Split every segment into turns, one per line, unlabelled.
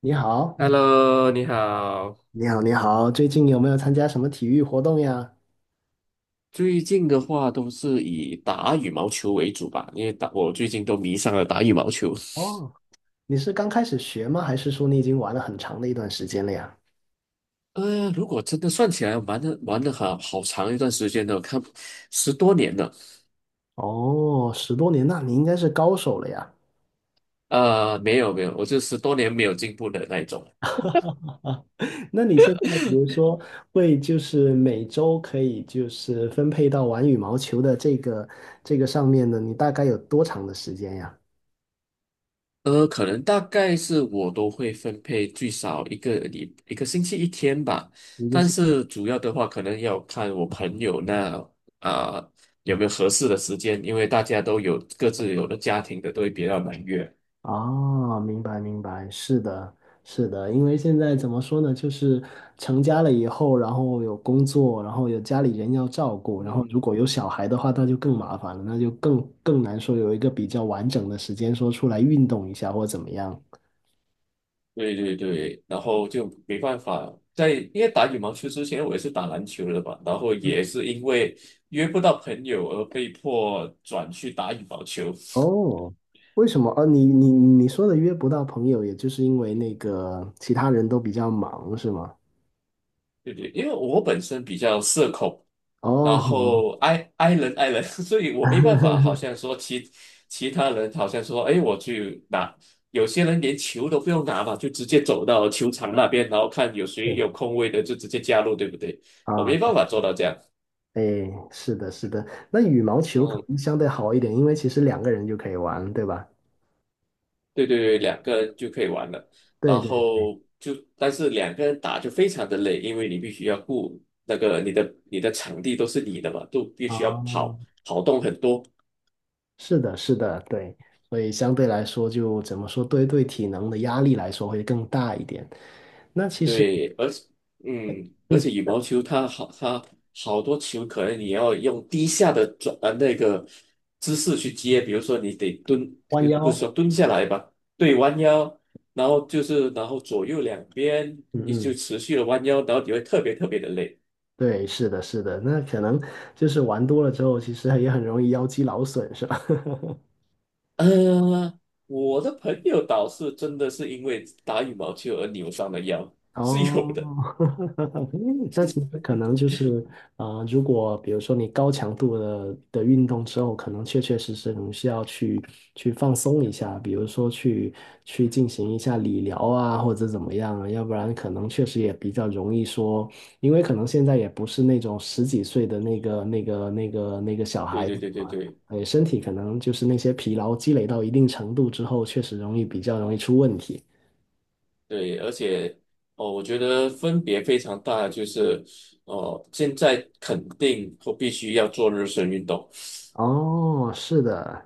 你好，
Hello，你好。
你好，最近有没有参加什么体育活动呀？
最近的话都是以打羽毛球为主吧，因为我最近都迷上了打羽毛球。
哦，你是刚开始学吗？还是说你已经玩了很长的一段时间了呀？
如果真的算起来，玩的好长一段时间了，看十多年了。
哦，十多年，那你应该是高手了呀。
没有没有，我就十多年没有进步的那一种。
那你现在比如说会就是每周可以就是分配到玩羽毛球的这个上面呢，你大概有多长的时间呀？
可能大概是我都会分配最少一个星期一天吧，
一
但
是。
是主要的话可能要看我朋友那啊、有没有合适的时间，因为大家都有各自有的家庭的，都会比较忙约。
哦，明白明白，是的，是的，因为现在怎么说呢，就是成家了以后，然后有工作，然后有家里人要照顾，
嗯
然后如
嗯，
果有小孩的话，那就更麻烦了，那就更难说有一个比较完整的时间说出来运动一下或怎么样。
对对对，然后就没办法在，因为打羽毛球之前我也是打篮球的嘛，然后也是因为约不到朋友而被迫转去打羽毛球。
哦，为什么？哦，你说的约不到朋友，也就是因为那个其他人都比较忙，是吗？
对不对，因为我本身比较社恐，然
哦，
后 i i 人 i 人，所以我没办法，好 像说其他人好像说，哎，我去拿，有些人连球都不用拿嘛，就直接走到球场那边，然后看有谁
对，
有空位的就直接加入，对不对？我
啊，
没办法做到这样，
哎，是的，是的，那羽毛球可
嗯，
能相对好一点，因为其实两个人就可以玩，对吧？
对对对，两个人就可以玩了，
对
然
对，
后就但是两个人打就非常的累，因为你必须要顾那个你的场地都是你的嘛，都必须要
啊，
跑动很多。
是的，是的，对，所以相对来说就怎么说，对体能的压力来说会更大一点。那其实，
对，而且嗯，而
嗯，
且羽毛球它好，它好多球可能你要用低下的那个姿势去接，比如说你得蹲，
弯
也不是说
腰，
蹲下来吧，对，弯腰，然后就是然后左右两边
嗯
你就
嗯，
持续的弯腰，然后你会特别特别的累。
对，是的，是的，那可能就是玩多了之后，其实也很容易腰肌劳损，是吧？
呃，我的朋友倒是真的是因为打羽毛球而扭伤了腰，是有
哦，
的。
那其实可能就是，如果比如说你高强度的运动之后，可能确确实实你需要去放松一下，比如说去进行一下理疗啊，或者怎么样啊，要不然可能确实也比较容易说，因为可能现在也不是那种十几岁的那个小
对
孩
对
子
对对
嘛，
对。
哎，身体可能就是那些疲劳积累到一定程度之后，确实容易比较容易出问题。
对，而且哦，我觉得分别非常大，就是哦，现在肯定或必须要做热身运动，
哦，是的。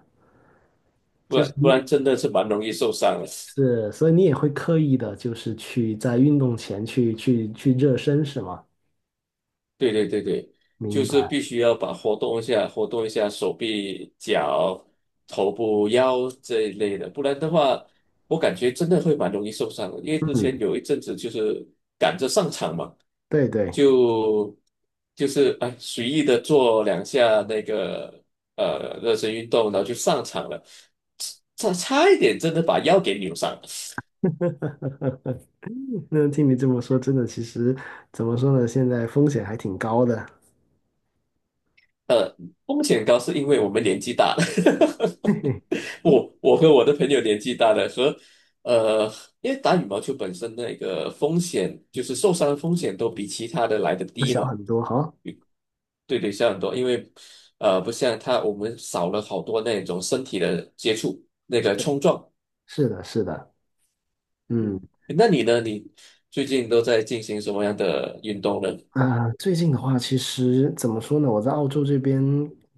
不
就是
然
你
不然真的是蛮容易受伤的。
是，所以你也会刻意的，就是去在运动前去热身，是吗？
对对对对，就
明
是
白，
必须要把活动一下，活动一下手臂、脚、头部、腰这一类的，不然的话，我感觉真的会蛮容易受伤的。因为之前
嗯，
有一阵子就是赶着上场嘛，
对对。
就就是哎随意的做两下那个热身运动，然后就上场了，差一点真的把腰给扭伤。
那听你这么说，真的，其实怎么说呢？现在风险还挺高的，
呃，风险高是因为我们年纪大了。
嘿嘿，
我和我的朋友年纪大的和呃，因为打羽毛球本身那个风险，就是受伤的风险都比其他的来的
我
低
小
嘛，
很多哈。
对对，小很多，因为不像他我们少了好多那种身体的接触，那个冲撞。
是的，是的，嗯。
嗯，那你呢？你最近都在进行什么样的运动呢？
啊，最近的话，其实怎么说呢？我在澳洲这边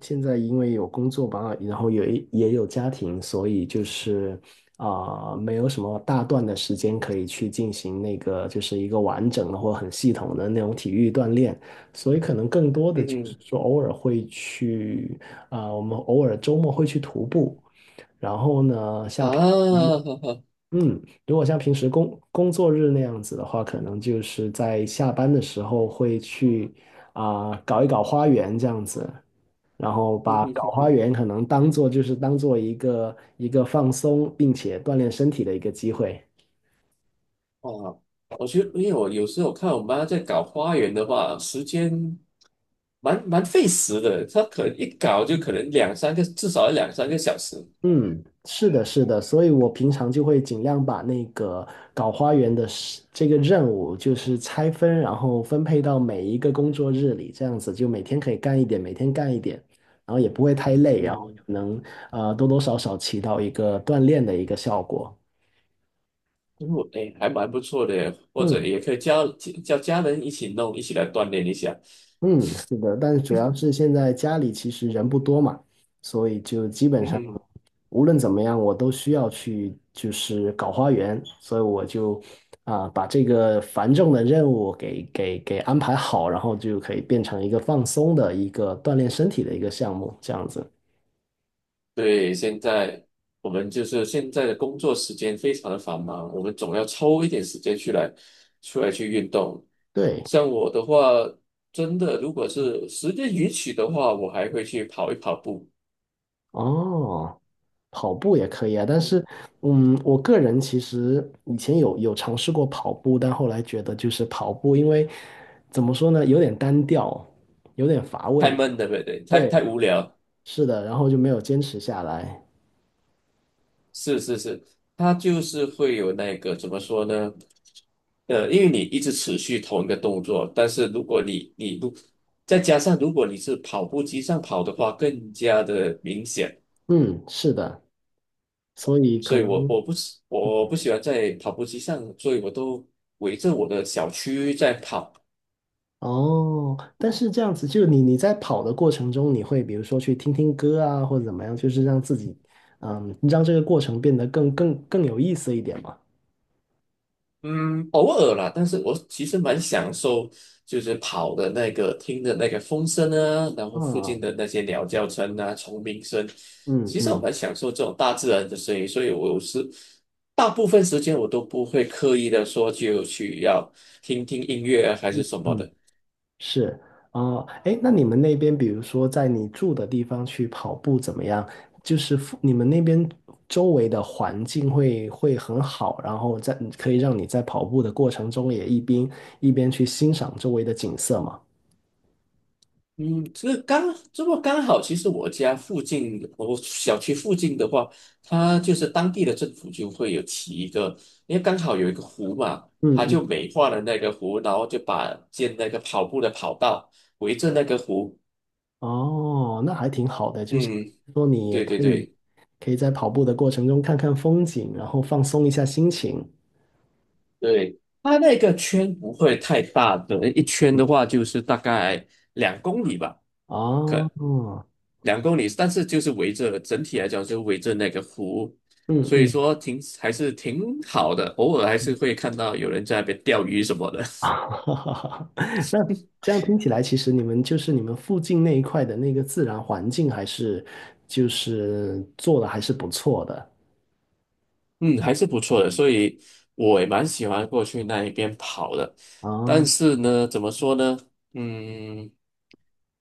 现在因为有工作吧，然后有一也有家庭，所以就是没有什么大段的时间可以去进行那个就是一个完整的或很系统的那种体育锻炼，所以可能更多的
嗯
就是
哼，
说偶尔会去我们偶尔周末会去徒步，然后呢，像
啊，
平时。
好好，
嗯，如果像平时工作日那样子的话，可能就是在下班的时候会去搞一搞花园这样子，然后
嗯
把
哼
搞
哼
花
哼
园可能当做就是当做一个一个放松并且锻炼身体的一个机会。
哦，我觉得，因为我有时候看我妈在搞花园的话，时间蛮费时的，她可能一搞就可能两三个，至少要两三个小时。
嗯，是的，是的，所以我平常就会尽量把那个搞花园的事这个任务，就是拆分，然后分配到每一个工作日里，这样子就每天可以干一点，每天干一点，然后也不会太累，然后
嗯，
就能多多少少起到一个锻炼的一个效果。
因为我哎，还蛮不错的或者
嗯
也可以叫家人一起弄，一起来锻炼一下。
嗯，是的，但是主要是现在家里其实人不多嘛，所以就基本上。
嗯，
无论怎么样，我都需要去就是搞花园，所以我就把这个繁重的任务给安排好，然后就可以变成一个放松的一个锻炼身体的一个项目，这样子。
对，现在我们就是现在的工作时间非常的繁忙，我们总要抽一点时间出来去运动。
对，
像我的话，真的如果是时间允许的话，我还会去跑一跑步。
哦，跑步也可以啊，但是嗯，我个人其实以前有尝试过跑步，但后来觉得就是跑步，因为怎么说呢，有点单调，有点乏
太
味。
闷了，对不对？太
对，
太无聊。
是的，然后就没有坚持下来。
是是是，它就是会有那个怎么说呢？因为你一直持续同一个动作，但是如果你不，再加上如果你是跑步机上跑的话，更加的明显。
嗯，是的。所以
所
可
以我
能
我不喜我不喜欢在跑步机上，所以我都围着我的小区在跑。
哦，但是这样子，就你在跑的过程中，你会比如说去听听歌啊，或者怎么样，就是让自己，嗯，让这个过程变得更有意思一点嘛。
嗯，偶尔啦，但是我其实蛮享受，就是跑的那个听的那个风声啊，然后附近
嗯
的那些鸟叫声啊、虫鸣声，
嗯
其实我
嗯
蛮享受这种大自然的声音，所以我有时大部分时间我都不会刻意的说就去要听听音乐啊还是什么
嗯，
的。
是哦，哎，那你们那边，比如说在你住的地方去跑步怎么样？就是附你们那边周围的环境会很好，然后在可以让你在跑步的过程中也一边去欣赏周围的景色嘛。
嗯，这么刚好，其实我家附近，我小区附近的话，它就是当地的政府就会有起一个，因为刚好有一个湖嘛，它
嗯
就美化了那个湖，然后就把建那个跑步的跑道围着那个湖。
哦，那还挺好的，就像
嗯，
说你也
对对
可以
对
可以在跑步的过程中看看风景，然后放松一下心情。
对，它那个圈不会太大的，一圈的话就是大概两公里吧。可。
哦，
两公里，但是就是围着整体来讲就围着那个湖，
嗯
所以
嗯，
说还是挺好的，偶尔还是会看到有人在那边钓鱼什么的，
那这样听起来，其实你们就是你们附近那一块的那个自然环境，还是就是做的还是不错的
嗯，还是不错的，所以我也蛮喜欢过去那一边跑的，但
啊。
是呢，怎么说呢，嗯，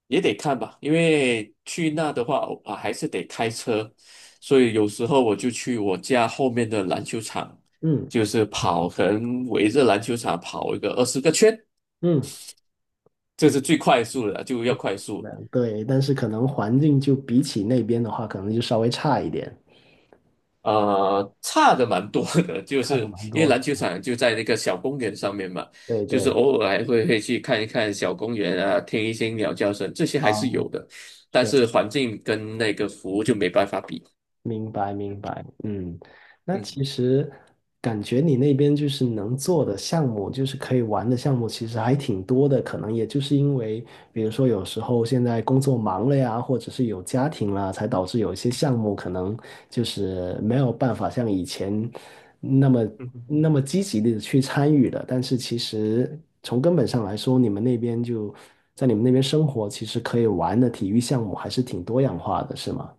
也得看吧，因为去那的话啊还是得开车，所以有时候我就去我家后面的篮球场，
嗯
就是跑，可能围着篮球场跑一个20个圈。
嗯，
这是
明
最快速的，就要快
白
速。
对，但是可能环境就比起那边的话，可能就稍微差一点，
差的蛮多的，就
差
是
的蛮
因为
多。
篮球场就在那个小公园上面嘛，
对
就是
对。
偶尔还会去看一看小公园啊，听一些鸟叫声，这些还是
啊。
有的，但是环境跟那个服务就没办法比。
明白，明白，嗯，那
嗯，
其实感觉你那边就是能做的项目，就是可以玩的项目，其实还挺多的。可能也就是因为，比如说有时候现在工作忙了呀，或者是有家庭了，才导致有一些项目可能就是没有办法像以前那么
嗯哼
那么积极的去参与了。但是其实从根本上来说，你们那边就在你们那边生活，其实可以玩的体育项目还是挺多样化的，是吗？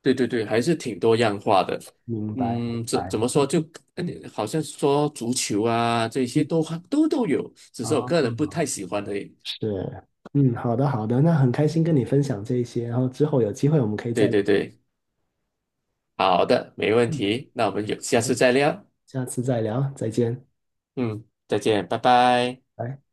对对对，还是挺多样化的。
明白，明
嗯，怎
白。
怎么说就，呃好像说足球啊这些
嗯，
都有，只是我个
好，
人不太喜欢而已。
是，嗯，好的，好的，那很开心跟你分享这些，然后之后有机会我们可以
对
再聊
对对。好的，没问
嗯，
题，那我们有下
好的，
次再聊。
下次再聊，再见，
嗯，再见，拜拜。
拜。